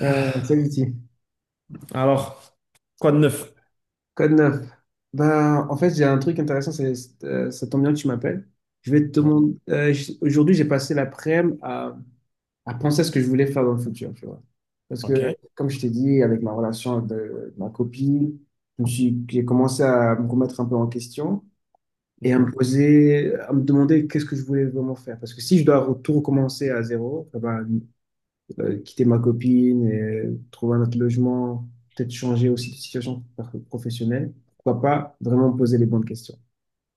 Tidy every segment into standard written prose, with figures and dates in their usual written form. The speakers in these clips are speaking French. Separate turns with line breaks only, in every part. Euh, Salut, Ti.
Alors, quoi de neuf?
Code 9. En fait, j'ai un truc intéressant, c'est ça tombe bien que tu m'appelles. Je vais te demander. Aujourd'hui, j'ai passé l'après-midi à penser à ce que je voulais faire dans le futur, tu vois. Parce que,
Ok.
comme je t'ai dit, avec ma relation avec de- ma copine, j'ai commencé à me remettre un peu en question et
Mhm.
à me demander qu'est-ce que je voulais vraiment faire. Parce que si je dois tout recommencer à zéro, quitter ma copine, et trouver un autre logement, peut-être changer aussi professionnelle. Pourquoi pas vraiment me poser les bonnes questions.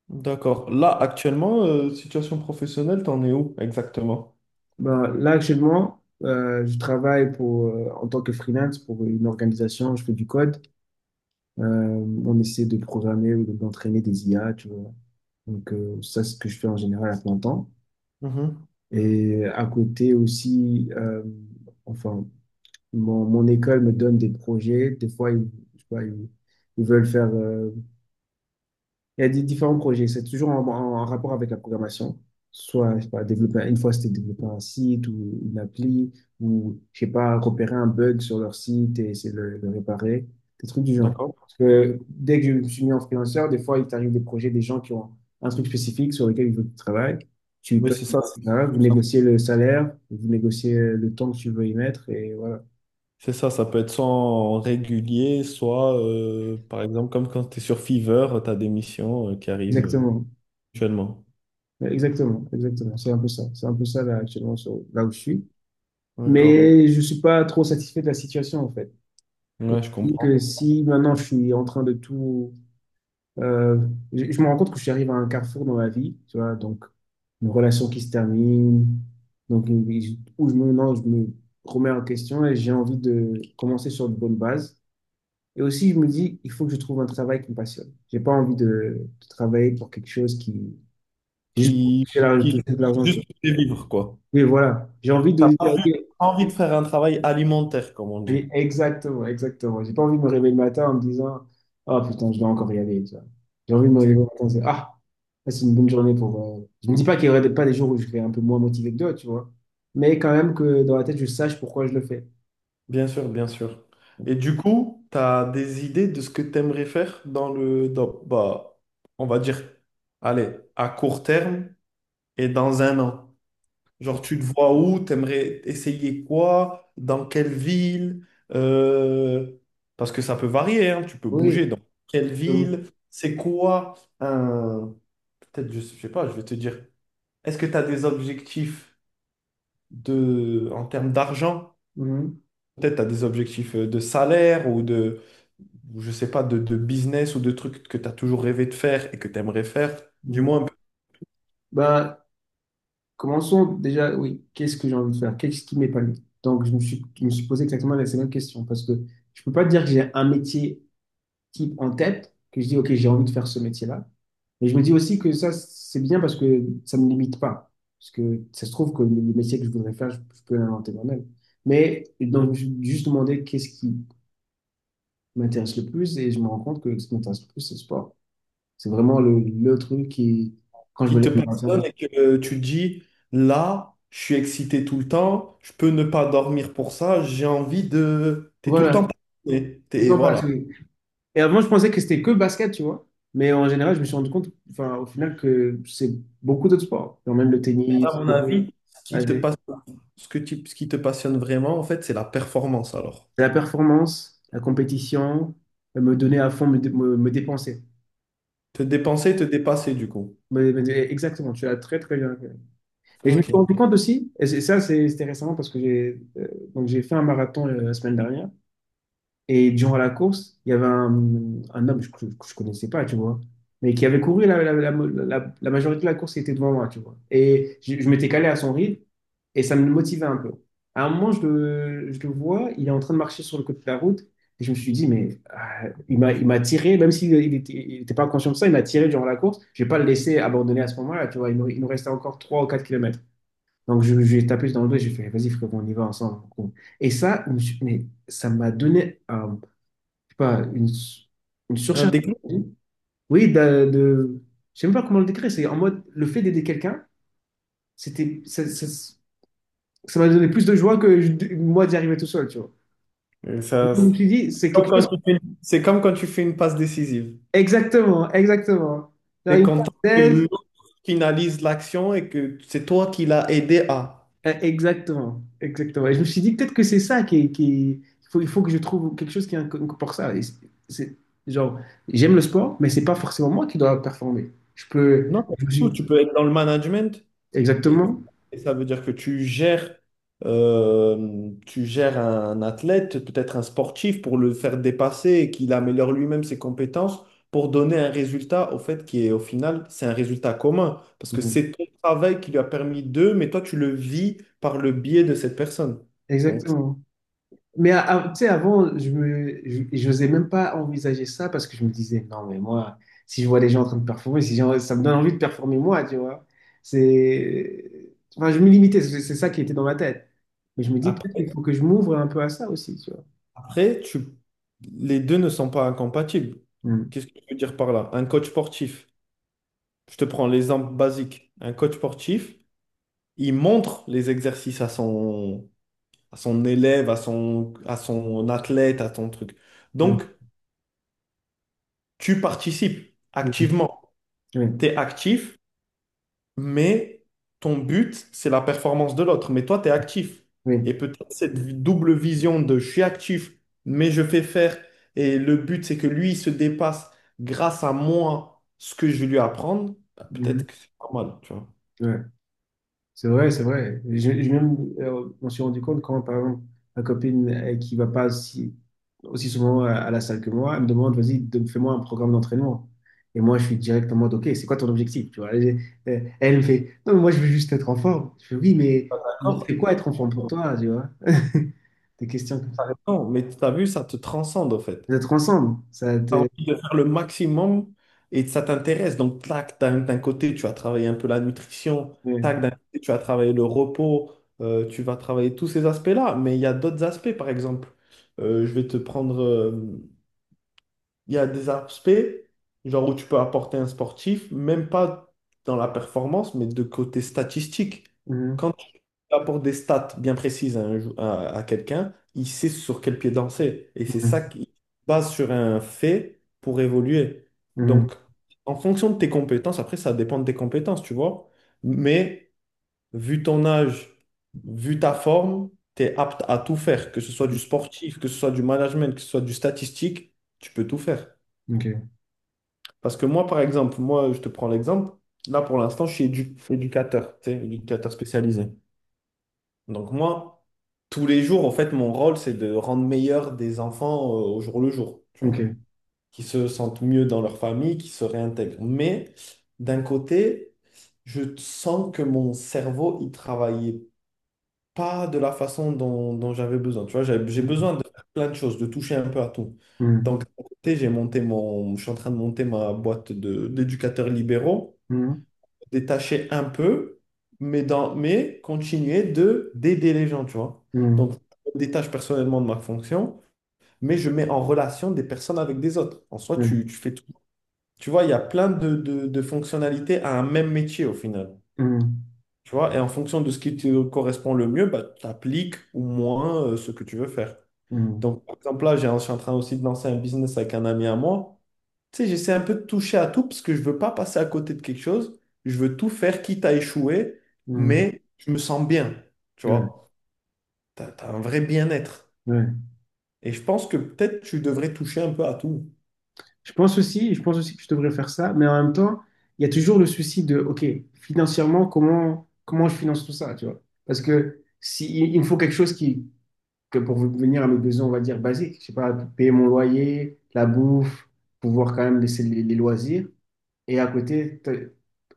D'accord. Là, actuellement, situation professionnelle, t'en es où exactement?
Ben, là, actuellement, je travaille en tant que freelance pour une organisation, je fais du code. On essaie de programmer ou d'entraîner des IA, tu vois. Donc, ça, c'est ce que je fais en général à plein temps.
Mhm.
Et à côté aussi, enfin, mon école me donne des projets. Des fois, je sais pas, ils veulent faire il y a des différents projets. C'est en rapport avec la programmation. Soit, je sais pas, développer, une fois, c'était développer un site ou une appli, ou, je sais pas, repérer un bug sur leur site et essayer le réparer. Des trucs du genre.
D'accord.
Parce que dès que je me suis mis en freelanceur, des fois, il t'arrive des projets, des gens qui ont un truc spécifique sur lequel ils veulent que tu travailles. Tu,
Oui,
toi,
c'est
tu-
ça.
voilà, vous négociez le salaire, vous négociez le temps que tu veux y mettre, et voilà.
C'est ça, ça peut être soit en régulier, soit, par exemple, comme quand tu es sur Fiverr, tu as des missions qui arrivent
Exactement.
actuellement.
Exactement, exactement. C'est un peu ça. Là où je suis.
D'accord.
Mais je suis pas trop satisfait de la situation, en fait. Et
Ouais, je
je dis que
comprends.
si maintenant je suis en train de tout… euh, je me rends compte que j'arrive à un carrefour dans ma vie, tu vois, donc une relation qui se termine, où je me, non, je me remets en question et j'ai envie de commencer sur de bonnes bases. Et aussi, je me dis, il faut que je trouve un travail qui me passionne. J'ai pas envie de travailler pour quelque chose qui… Juste pour
Qui,
toucher toucher
qui
de l'argent, tu vois.
juste pour vivre, quoi.
Oui, voilà. J'ai envie de
T'as pas
dire,
plus
OK,
envie de faire un travail alimentaire, comme on dit.
Exactement, exactement. J'ai pas envie de me réveiller le matin en me disant, ah putain, je dois encore y aller, tu vois. J'ai envie de me réveiller le matin, c'est, ah, ça, c'est une bonne journée pour… je me dis pas qu'il pas des jours où je serais un peu moins motivé que d'autres, tu vois. Mais quand même que dans la tête, je sache pourquoi je le fais.
Bien sûr, bien sûr. Et du coup, tu as des idées de ce que tu aimerais faire bah, on va dire, allez, à court terme et dans un an. Genre, tu te vois où, tu aimerais essayer quoi, dans quelle ville, euh, parce que ça peut varier, hein, tu peux
Oui.
bouger dans quelle
Euh,
ville, c'est quoi un... Peut-être, je sais pas, je vais te dire, est-ce que tu as des objectifs de, en termes d'argent?
mhm,
Peut-être tu as des objectifs de salaire ou je sais pas, de business ou de trucs que tu as toujours rêvé de faire et que tu aimerais faire, du
mhm.
moins un peu,
Ben, commençons déjà, oui, qu'est-ce que j'ai envie de faire? Qu'est-ce qui m'épanouit? Donc, je me suis posé exactement la même question parce que je peux pas dire que j'ai un métier type en tête, que je dis, OK, j'ai envie de faire ce métier-là. Mais je me dis aussi que ça, c'est bien parce que ça me limite pas. Parce que ça se trouve que le métier que je voudrais faire, je peux l'inventer moi-même. Mais donc, je me suis juste demandé qu'est-ce qui m'intéresse le plus et je me rends compte que ce qui m'intéresse le plus, c'est le sport. C'est vraiment le truc qui, quand je me
qui
lève
te
le matin.
passionne et que tu te dis, là, je suis excité tout le temps, je peux ne pas dormir pour ça, j'ai envie de... Tu es tout le
Voilà.
temps passionné.
Et
T'es,
toi,
voilà.
Patrick. Et avant, je pensais que c'était que basket, tu vois. Mais en général, je me suis rendu compte, enfin, au final, que c'est beaucoup d'autres sports. Genre même le
Et à
tennis,
mon
courir,
avis, ce qui te
nager.
passionne, ce qui te passionne vraiment, en fait, c'est la performance alors.
C'est la performance, la compétition, me donner à fond, me dépenser.
Te dépenser, te dépasser du coup.
Exactement, tu as très, très bien. Et je me suis
Ok.
rendu compte aussi, c'était récemment parce que j'ai fait un marathon la semaine dernière. Et durant la course, il y avait un homme que je ne connaissais pas, tu vois, mais qui avait couru la majorité de la course, il était devant moi, tu vois. Et je m'étais calé à son rythme et ça me motivait un peu. À un moment, je le vois, il est en train de marcher sur le côté de la route et je me suis dit, mais ah, il m'a tiré, même s'il n'était il était pas conscient de ça, il m'a tiré durant la course. Je vais pas le laisser abandonner à ce moment-là, tu vois. Il nous restait encore 3 ou 4 kilomètres. Donc, je lui ai tapé dans le dos et j'ai fait, vas-y, frérot, on y va ensemble. Bon. Et ça, je me suis- mais ça m'a donné un pas, une
Un
surcharge
déclic.
d'énergie. Oui, je sais même pas comment le décrire. C'est en mode le fait d'aider quelqu'un, c'était, ça, ça- ça m'a donné plus de joie que moi d'y arriver tout seul, tu vois. Et donc, je
C'est
me suis dit, c'est
comme
quelque chose.
quand tu fais une c'est comme quand tu fais une passe décisive.
Exactement, exactement. Genre,
T'es
une
content que
parenthèse.
l'autre finalise l'action et que c'est toi qui l'as aidé à.
Exactement, exactement. Et je me suis dit, peut-être que c'est ça il il faut que je trouve quelque chose qui est pour ça. Et c'est- genre, j'aime le sport, mais c'est pas forcément moi qui dois performer. Je peux,
Non, pas du
je me
tout.
suis-
Tu peux être dans le management et,
exactement,
et ça veut dire que tu gères un athlète, peut-être un sportif, pour le faire dépasser et qu'il améliore lui-même ses compétences pour donner un résultat au fait qui est au final, c'est un résultat commun parce que c'est ton travail qui lui a permis d'eux, mais toi tu le vis par le biais de cette personne. Donc
exactement. Mais tu sais, avant, je n'osais même pas envisager ça parce que je me disais, non, mais moi, si je vois des gens en train de performer, si j'ai- ça me donne envie de performer moi, tu vois. C'est, enfin, je me limitais, c'est ça qui était dans ma tête. Mais je me dis, peut-être qu'il
après.
faut que je m'ouvre un peu à ça aussi, tu vois.
Après, tu... les deux ne sont pas incompatibles.
Mm,
Qu'est-ce que je veux dire par là? Un coach sportif, je te prends l'exemple basique. Un coach sportif, il montre les exercices à son élève, à son athlète, à ton truc.
mm,
Donc, tu participes
mm,
activement.
Oui,
Tu es actif, mais ton but, c'est la performance de l'autre. Mais toi, tu es actif. Et
oui.
peut-être cette double vision de je suis actif, mais je fais faire, et le but, c'est que lui, il se dépasse grâce à moi ce que je vais lui apprendre, bah,
mm,
peut-être que c'est pas mal, tu vois.
ouais. C'est vrai, c'est vrai. On s'est rendu compte quand, par exemple, ma copine qui va pas aussi souvent à la salle que moi, elle me demande, vas-y, fais-moi un programme d'entraînement. Et moi, je suis direct en mode, OK, c'est quoi ton objectif? Tu vois, elle, elle me fait, non, mais moi, je veux juste être en forme. Je fais, oui, mais
D'accord?
c'est quoi être en forme pour toi, tu vois? Des questions comme ça.
T'as raison, mais tu as vu, ça te transcende, en fait.
D'être ensemble, ça
As
te…
envie de faire le maximum et ça t'intéresse. Donc, tac, d'un côté, tu vas travailler un peu la nutrition,
ouais.
tac, d'un côté, tu vas travailler le repos, tu vas travailler tous ces aspects-là. Mais il y a d'autres aspects, par exemple. Je vais te prendre. Il y a des aspects, genre où tu peux apporter un sportif, même pas dans la performance, mais de côté statistique.
Mhm,
Quand il apporte des stats bien précises à, à quelqu'un, il sait sur quel pied danser. Et c'est ça qui base sur un fait pour évoluer.
mhm,
Donc,
mhm.
en fonction de tes compétences, après, ça dépend de tes compétences, tu vois. Mais vu ton âge, vu ta forme, tu es apte à tout faire, que ce soit du sportif, que ce soit du management, que ce soit du statistique, tu peux tout faire.
OK,
Parce que moi, par exemple, moi, je te prends l'exemple. Là, pour l'instant, je suis éducateur, tu sais, éducateur spécialisé. Donc moi, tous les jours, en fait, mon rôle, c'est de rendre meilleurs des enfants au jour le jour, tu vois,
OK.
qui se sentent mieux dans leur famille, qui se réintègrent. Mais d'un côté, je sens que mon cerveau, il travaillait pas de la façon dont j'avais besoin. Tu vois, j'ai
Mhm,
besoin de faire plein de choses, de toucher un peu à tout. Donc, d'un côté, je suis en train de monter ma boîte d'éducateurs libéraux
mhm,
détacher un peu, mais continuer de d'aider les gens, tu vois.
mhm,
Donc, je me détache personnellement de ma fonction, mais je mets en relation des personnes avec des autres. En soi,
mhm,
tu fais tout. Tu vois, il y a plein de fonctionnalités à un même métier au final.
mhm,
Tu vois, et en fonction de ce qui te correspond le mieux, bah, tu appliques ou moins ce que tu veux faire. Donc, par exemple, là, je suis en train aussi de lancer un business avec un ami à moi. Tu sais, j'essaie un peu de toucher à tout parce que je veux pas passer à côté de quelque chose. Je veux tout faire, quitte à échouer,
mhm,
mais je me sens bien. Tu
mhm.
vois, tu as, un vrai bien-être.
Ouais, ouais.
Et je pense que peut-être tu devrais toucher un peu à tout.
Je pense aussi que je devrais faire ça, mais en même temps, il y a toujours le souci de, OK, financièrement, comment je finance tout ça, tu vois? Parce que si, il me faut quelque chose qui, que pour venir à mes besoins, on va dire basiques, je sais pas, payer mon loyer, la bouffe, pouvoir quand même laisser les loisirs. Et à côté, t'as-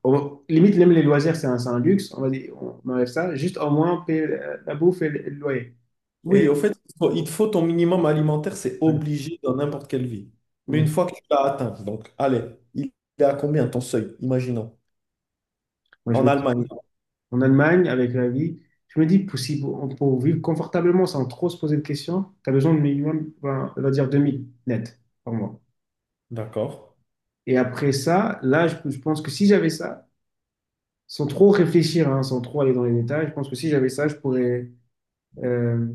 on- limite, même les loisirs, c'est c'est un luxe, on va dire, on enlève ça, juste au moins payer la bouffe et et le loyer. Et,
Oui, au fait, il te faut ton minimum alimentaire, c'est
ouais.
obligé dans n'importe quelle vie. Mais une
Ouais.
fois que tu l'as atteint, donc allez, il est à combien ton seuil, imaginons,
Moi, je
en
me dis,
Allemagne,
en Allemagne avec la vie. Je me dis, pour vivre confortablement sans trop se poser de questions, tu as besoin de minimum, ben, on va dire 2000 net par mois.
d'accord?
Et après ça, là, je pense que si j'avais ça, sans trop réfléchir, hein, sans trop aller dans les détails, je pense que si j'avais ça, je pourrais, euh,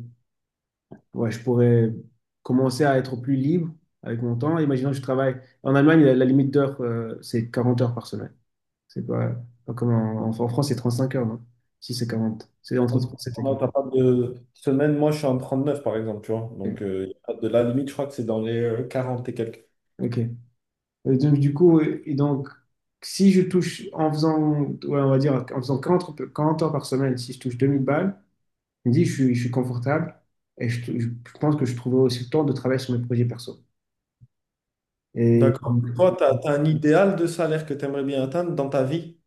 ouais, je pourrais commencer à être plus libre avec mon temps. Imaginons que je travaille. En Allemagne, la limite d'heure, c'est 40 heures par semaine. C'est pas, pas comme en France, c'est 35 heures, non? Si c'est 40, c'est entre 37 et
Non,
40.
t'as pas de semaine, moi je suis en 39 par exemple, tu vois. Donc y a pas de la limite, je crois que c'est dans les 40 et quelques.
Ok. Et donc, du coup, si je touche en faisant, ouais, on va dire, en faisant 40 heures 40 heures par semaine, si je touche 2000 balles, je me dis, je suis confortable et je pense que je trouverai aussi le temps de travailler sur mes projets perso. Et,
D'accord. Toi, tu as, un idéal de salaire que tu aimerais bien atteindre dans ta vie?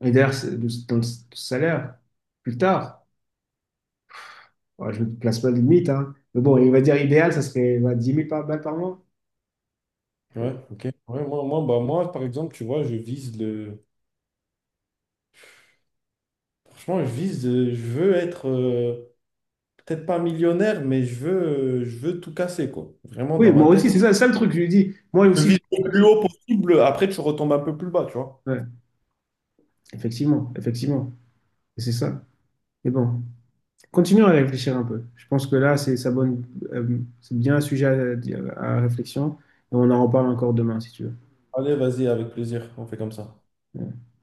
et d'ailleurs, dans salaire, plus tard, ouais, je ne place pas de limite, hein. Mais bon, il va dire idéal, ça serait bah, 10 000 balles par mois.
Ouais, ok. Ouais, bah, moi, par exemple, tu vois, je vise le. Franchement, je vise. Je veux être peut-être pas millionnaire, mais je veux tout casser, quoi. Vraiment,
Oui,
dans ma
moi
tête.
aussi, c'est ça le truc, je lui dis. Moi
Je
aussi,
vise le
je…
plus haut possible, après tu retombes un peu plus bas, tu vois.
ouais, effectivement, effectivement, et c'est ça. Mais bon. Continuons à réfléchir un peu. Je pense que là, c'est ça bonne, c'est bien un sujet à réflexion. Et on en reparle encore demain, si tu
Allez, vas-y, avec plaisir. On fait comme ça.
veux.